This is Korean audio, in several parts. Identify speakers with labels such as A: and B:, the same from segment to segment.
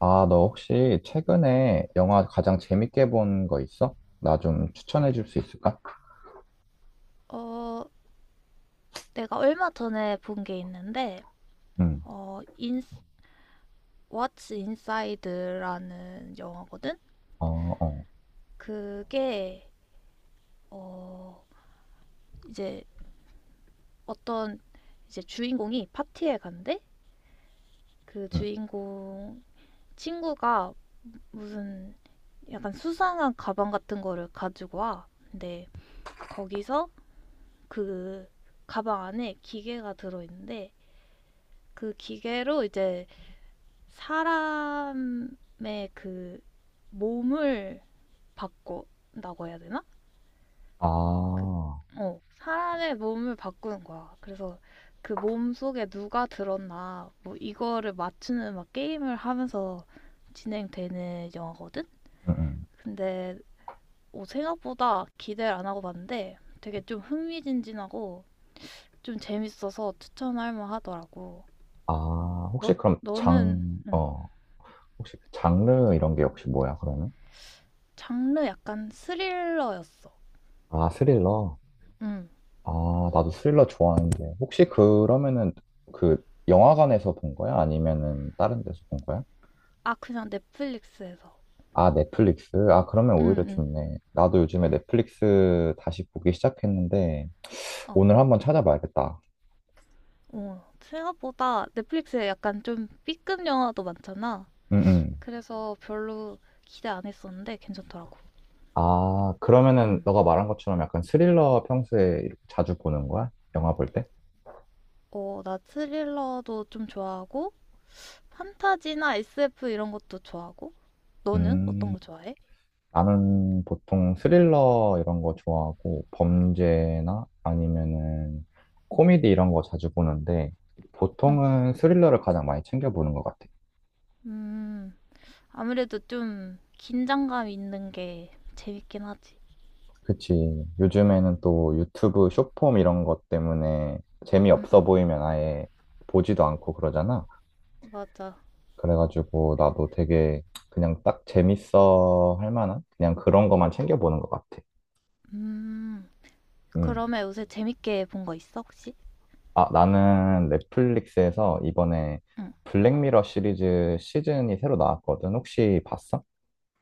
A: 아, 너 혹시 최근에 영화 가장 재밌게 본 거 있어? 나 좀 추천해 줄 수 있을까?
B: 어, 내가 얼마 전에 본 게 있는데,
A: 응,
B: 어, 인, What's Inside라는 영화거든?
A: 어, 어,
B: 그게, 어, 이제 어떤 이제 주인공이 파티에 간대? 그
A: 응.
B: 주인공 친구가 무슨 약간 수상한 가방 같은 거를 가지고 와. 근데 거기서 그 가방 안에 기계가 들어있는데, 그 기계로 이제 사람의 그 몸을 바꾼다고 해야 되나? 그,
A: 아,
B: 사람의 몸을 바꾸는 거야. 그래서 그 몸 속에 누가 들었나, 뭐 이거를 맞추는 막 게임을 하면서 진행되는 영화거든?
A: 응, 응.
B: 근데 생각보다 기대를 안 하고 봤는데 되게 좀 흥미진진하고 좀 재밌어서 추천할 만하더라고.
A: 아,
B: 너,
A: 혹시 그럼
B: 너는, 응,
A: 혹시 그 장르 이런 게 혹시 뭐야, 그러면?
B: 장르 약간 스릴러였어.
A: 아, 스릴러?
B: 응.
A: 아, 나도 스릴러 좋아하는데. 혹시 그러면은 그 영화관에서 본 거야? 아니면은 다른 데서 본 거야?
B: 아, 그냥 넷플릭스에서.
A: 아, 넷플릭스? 아, 그러면 오히려
B: 응, 응.
A: 좋네. 나도 요즘에 넷플릭스 다시 보기 시작했는데,
B: 어.
A: 오늘 한번 찾아봐야겠다.
B: 어. 생각보다 넷플릭스에 약간 좀 B급 영화도 많잖아.
A: 응, 응.
B: 그래서 별로 기대 안 했었는데 괜찮더라고.
A: 아, 그러면은
B: 응.
A: 너가 말한 것처럼 약간 스릴러 평소에 이렇게 자주 보는 거야? 영화 볼 때?
B: 나 스릴러도 좀 좋아하고, 판타지나 SF 이런 것도 좋아하고. 너는 어떤
A: 음,
B: 거 좋아해?
A: 나는 보통 스릴러 이런 거 좋아하고 범죄나 아니면은 코미디 이런 거 자주 보는데
B: 응.
A: 보통은 스릴러를 가장 많이 챙겨보는 것 같아.
B: 음, 아무래도 좀 긴장감 있는 게 재밌긴 하지.
A: 그치.
B: 응,
A: 요즘에는 또 유튜브 쇼폼 이런 것 때문에
B: 응,
A: 재미없어
B: 응.
A: 보이면 아예 보지도 않고 그러잖아.
B: 맞아.
A: 그래가지고 나도 되게 그냥 딱 재밌어 할 만한 그냥 그런 것만 챙겨보는 것 같아.
B: 음,
A: 음.
B: 그러면 요새 재밌게 본 거 있어, 혹시?
A: 아, 나는 넷플릭스에서 이번에
B: 응.
A: 블랙미러 시리즈 시즌이 새로 나왔거든. 혹시 봤어?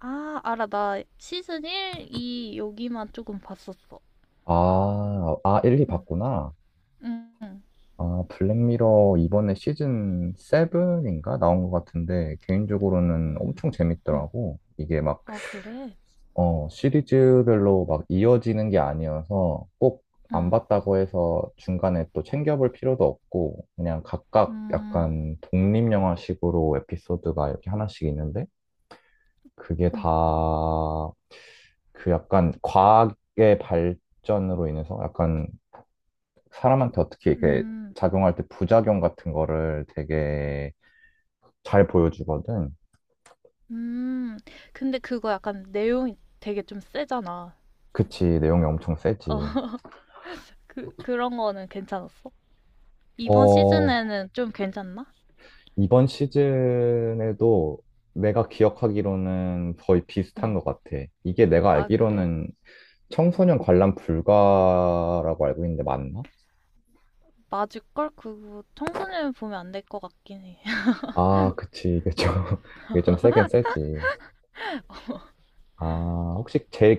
B: 아, 알아. 나 시즌 1, 2 여기만 조금 봤었어.
A: 아, 아, 1, 2
B: 응,
A: 봤구나.
B: 응, 응,
A: 아, 블랙미러 이번에 시즌 7인가 나온 것 같은데 개인적으로는
B: 응.
A: 엄청
B: 응.
A: 재밌더라고. 이게 막
B: 아, 그래?
A: 어, 시리즈별로 막 이어지는 게 아니어서 꼭 안
B: 응,
A: 봤다고 해서 중간에 또 챙겨볼 필요도 없고 그냥 각각
B: 음,
A: 약간 독립영화식으로 에피소드가 이렇게 하나씩 있는데 그게 다
B: 음,
A: 그 약간 과학의 발전으로 인해서 약간 사람한테 어떻게 이렇게
B: 음,
A: 작용할 때 부작용 같은 거를 되게 잘 보여주거든.
B: 음. 근데 그거 약간 내용이 되게 좀 세잖아.
A: 그치, 내용이 엄청
B: 어,
A: 세지.
B: 그런 거는 괜찮았어? 이번
A: 어,
B: 시즌에는 좀 괜찮나?
A: 이번 시즌에도 내가 기억하기로는 거의 비슷한
B: 응.
A: 것 같아. 이게 내가
B: 아, 그래.
A: 알기로는 청소년 관람 불가라고 알고 있는데 맞나?
B: 맞을걸? 그거 청소년 보면 안 될 것 같긴 해.
A: 아, 그치. 이게 좀, 이게 좀 세긴 세지. 아, 혹시 제일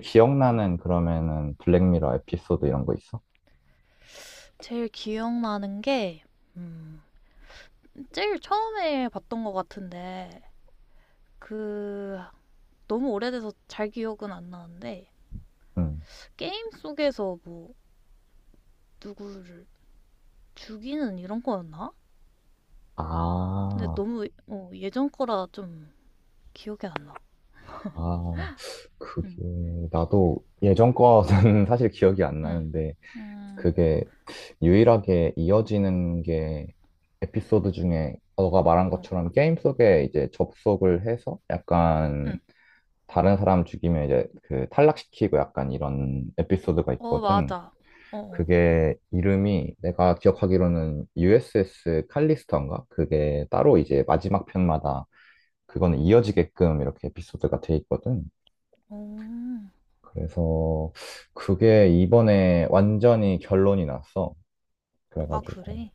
B: 음.
A: 기억나는 그러면은 블랙미러 에피소드 이런 거 있어?
B: 제일 기억나는 게, 음, 제일 처음에 봤던 것 같은데, 그 너무 오래돼서 잘 기억은 안 나는데
A: 응.
B: 게임 속에서 뭐 누구를 죽이는 이런 거였나? 근데
A: 아,
B: 너무 예전 거라 좀 기억이 안 나.
A: 아, 그게,
B: 응,
A: 나도 예전 거는 사실 기억이 안
B: 응,
A: 나는데,
B: 음,
A: 그게 유일하게 이어지는 게 에피소드 중에 너가 말한
B: 어,
A: 것처럼 게임 속에 이제 접속을 해서 약간
B: 응,
A: 다른 사람 죽이면 이제 그 탈락시키고 약간 이런 에피소드가
B: 어,
A: 있거든.
B: 맞아. 어, 어,
A: 그게 이름이 내가 기억하기로는 USS 칼리스터인가? 그게 따로 이제 마지막 편마다 그거는 이어지게끔 이렇게 에피소드가 돼 있거든.
B: 어,
A: 그래서 그게 이번에 완전히 결론이 났어.
B: 아
A: 그래가지고.
B: 그래.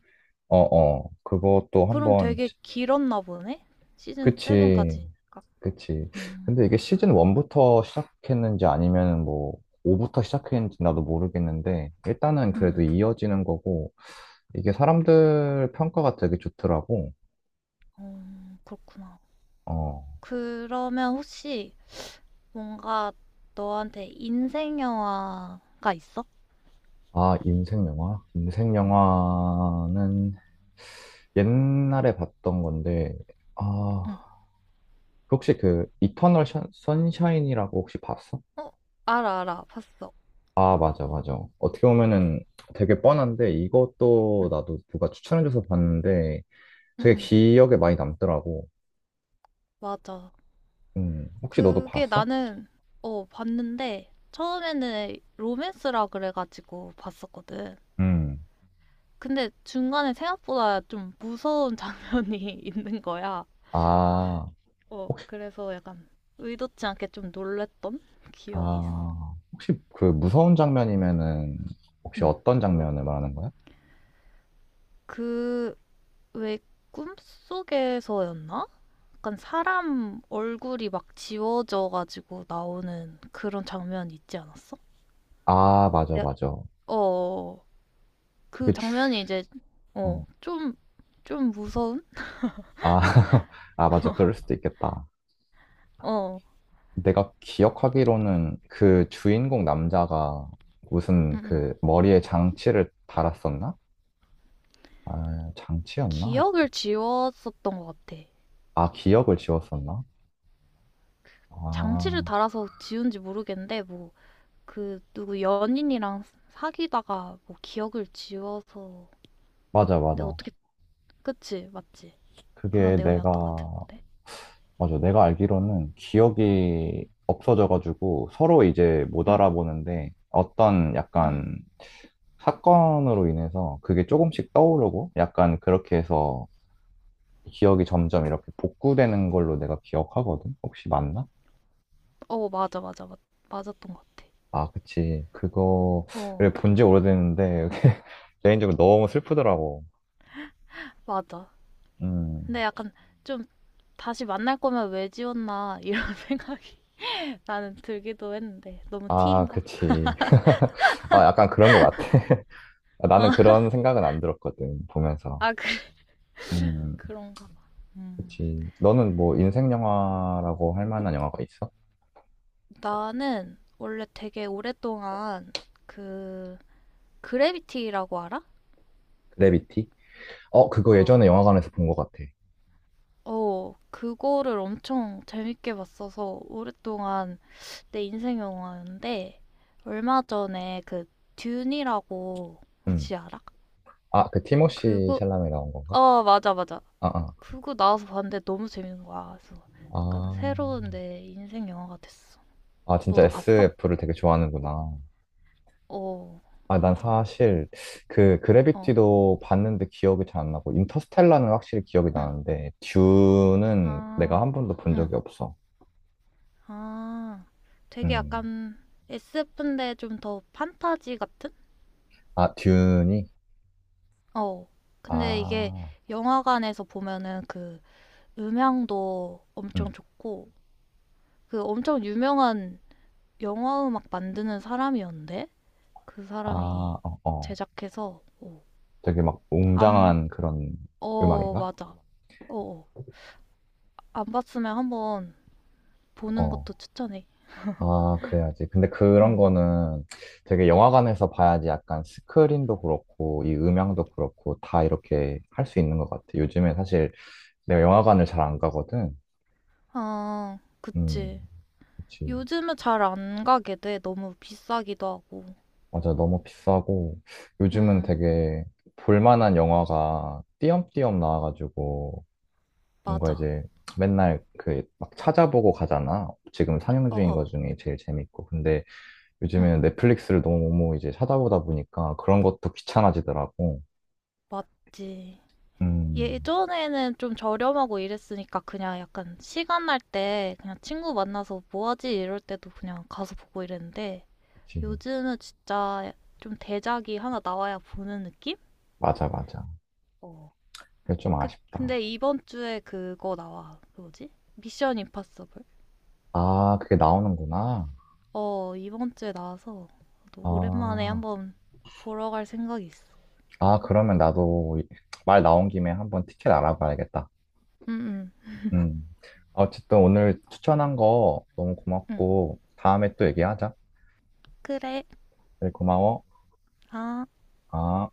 A: 어어 그것도
B: 그럼
A: 한번
B: 되게
A: 시-
B: 길었나 보네? 시즌
A: 그치
B: 7까지니까.
A: 그치. 근데
B: 음,
A: 이게 시즌 1부터 시작했는지 아니면 뭐 5부터 시작했는지 나도 모르겠는데 일단은
B: 음,
A: 그래도
B: 음,
A: 이어지는 거고 이게 사람들 평가가 되게 좋더라고.
B: 어, 그렇구나.
A: 어아
B: 그러면 혹시 뭔가 너한테 인생 영화가 있어?
A: 인생 영화 인생
B: 응,
A: 영화는 옛날에 봤던 건데
B: 응.
A: 아 그 혹시 그 이터널 션- 선샤인이라고 혹시 봤어?
B: 어, 알아, 알아. 봤어.
A: 아, 맞아, 맞아. 어떻게 보면은 되게 뻔한데 이것도
B: 응,
A: 나도 누가 추천해줘서 봤는데
B: 응,
A: 되게
B: 응.
A: 기억에 많이 남더라고.
B: 맞아.
A: 혹시 너도
B: 그게
A: 봤어?
B: 나는, 봤는데, 처음에는 로맨스라 그래가지고 봤었거든.
A: 음.
B: 근데 중간에 생각보다 좀 무서운 장면이 있는 거야.
A: 아, 혹시,
B: 그래서 약간 의도치 않게 좀 놀랬던 기억이 있어.
A: 혹시
B: 응,
A: 그 무서운 장면이면은 혹시
B: 응.
A: 어떤 장면을 말하는 거야?
B: 그, 왜 꿈속에서였나? 약간 사람 얼굴이 막 지워져가지고 나오는 그런 장면 있지 않았어?
A: 아, 맞아,
B: 야,
A: 맞아.
B: 어,
A: 그게
B: 그
A: 주,
B: 장면이 이제,
A: 어.
B: 어, 좀, 좀 무서운?
A: 아, 아, 맞아. 그럴 수도 있겠다.
B: 어,
A: 내가 기억하기로는 그 주인공 남자가
B: 음,
A: 무슨
B: 음.
A: 그 머리에 장치를 달았었나? 아, 장치였나? 하여튼.
B: 기억을 지웠었던 것 같아.
A: 아, 기억을 지웠었나?
B: 장치를
A: 아,
B: 달아서 지운지 모르겠는데, 뭐, 그, 누구 연인이랑 사귀다가, 뭐, 기억을 지워서.
A: 맞아,
B: 근데
A: 맞아.
B: 어떻게, 그치, 맞지? 그런
A: 그게 내가,
B: 내용이었던 것 같은데.
A: 맞아. 내가 알기로는 기억이 없어져가지고 서로 이제 못
B: 응,
A: 알아보는데 어떤
B: 응.
A: 약간 사건으로 인해서 그게 조금씩 떠오르고 약간 그렇게 해서 기억이 점점 이렇게 복구되는 걸로 내가 기억하거든? 혹시 맞나?
B: 맞아, 맞아, 맞았던 것 같아.
A: 아, 그치. 그거, 그래,
B: 어,
A: 본지 오래됐는데 개인적으로 너무 슬프더라고.
B: 맞아.
A: 음.
B: 근데 약간 좀, 다시 만날 거면 왜 지웠나, 이런 생각. 나는 들기도 했는데 너무
A: 아,
B: 티인가?
A: 그치. 아, 약간 그런 것 같아. 아, 나는
B: 어,
A: 그런 생각은 안 들었거든, 보면서.
B: 아 그,
A: 음,
B: 그런가 봐. 음.
A: 그치. 너는 뭐 인생 영화라고 할 만한 영화가 있어?
B: 나는 원래 되게 오랫동안 그 그래비티라고 알아?
A: 그래비티? 어, 그거 예전에
B: 어.
A: 영화관에서 본 것 같아.
B: 그거를 엄청 재밌게 봤어서 오랫동안 내 인생 영화였는데 얼마 전에 그 듄이라고
A: 음.
B: 혹시 알아?
A: 아, 그 티모시
B: 그거.
A: 샬라메 나온 건가?
B: 맞아, 맞아.
A: 아, 아.
B: 그거 나와서 봤는데 너무 재밌는 거야. 그래서 약간
A: 아,
B: 새로운 내 인생 영화가 됐어.
A: 진짜
B: 너도 봤어?
A: SF를 되게 좋아하는구나.
B: 어,
A: 아, 난
B: 맞아.
A: 사실 그
B: 어,
A: 그래비티도 봤는데 기억이 잘 안 나고, 인터스텔라는 확실히 기억이
B: 응.
A: 나는데, 듀는 내가
B: 아,
A: 한 번도 본
B: 응.
A: 적이 없어.
B: 아, 되게
A: 음.
B: 약간 SF인데 좀 더 판타지 같은?
A: 아, 듄이?
B: 어. 근데 이게
A: 아,
B: 영화관에서 보면은 그 음향도
A: 응.
B: 엄청 좋고, 그 엄청 유명한 영화 음악 만드는 사람이었는데? 그 사람이
A: 아, 어, 어.
B: 제작해서, 어,
A: 되게 막
B: 안,
A: 웅장한 그런
B: 어,
A: 음악인가?
B: 맞아. 어, 어. 안 봤으면 한번 보는
A: 어.
B: 것도 추천해.
A: 아, 그래야지. 근데 그런
B: 응.
A: 거는 되게 영화관에서 봐야지 약간 스크린도 그렇고, 이 음향도 그렇고, 다 이렇게 할 수 있는 것 같아. 요즘에 사실 내가 영화관을 잘 안 가거든.
B: 아, 그치.
A: 음, 그치.
B: 요즘은 잘 안 가게 돼. 너무 비싸기도 하고.
A: 맞아. 너무 비싸고, 요즘은
B: 응,
A: 되게 볼만한 영화가 띄엄띄엄 나와가지고, 뭔가
B: 맞아.
A: 이제 맨날 그 막 찾아보고 가잖아. 지금 상영 중인 것
B: 어어,
A: 중에 제일 재밌고. 근데
B: 응,
A: 요즘에는 넷플릭스를 너무 이제 찾아보다 보니까 그런 것도 귀찮아지더라고.
B: 맞지.
A: 음,
B: 예전에는 좀 저렴하고 이랬으니까 그냥 약간 시간 날 때 그냥 친구 만나서 뭐 하지 이럴 때도 그냥 가서 보고 이랬는데
A: 그치.
B: 요즘은 진짜 좀 대작이 하나 나와야 보는 느낌?
A: 맞아, 맞아.
B: 어.
A: 그게 좀 아쉽다.
B: 근데 이번 주에 그거 나와. 그 뭐지? 미션 임파서블.
A: 아, 그게 나오는구나.
B: 이번 주에 나와서 또 오랜만에
A: 아,
B: 한번 보러 갈 생각이 있어.
A: 그러면 나도 이- 말 나온 김에 한번 티켓 알아봐야겠다.
B: 응,
A: 음. 어쨌든 오늘 추천한 거 너무
B: 응, 응.
A: 고맙고, 다음에 또 얘기하자.
B: 그래.
A: 그래, 고마워.
B: 아.
A: 아.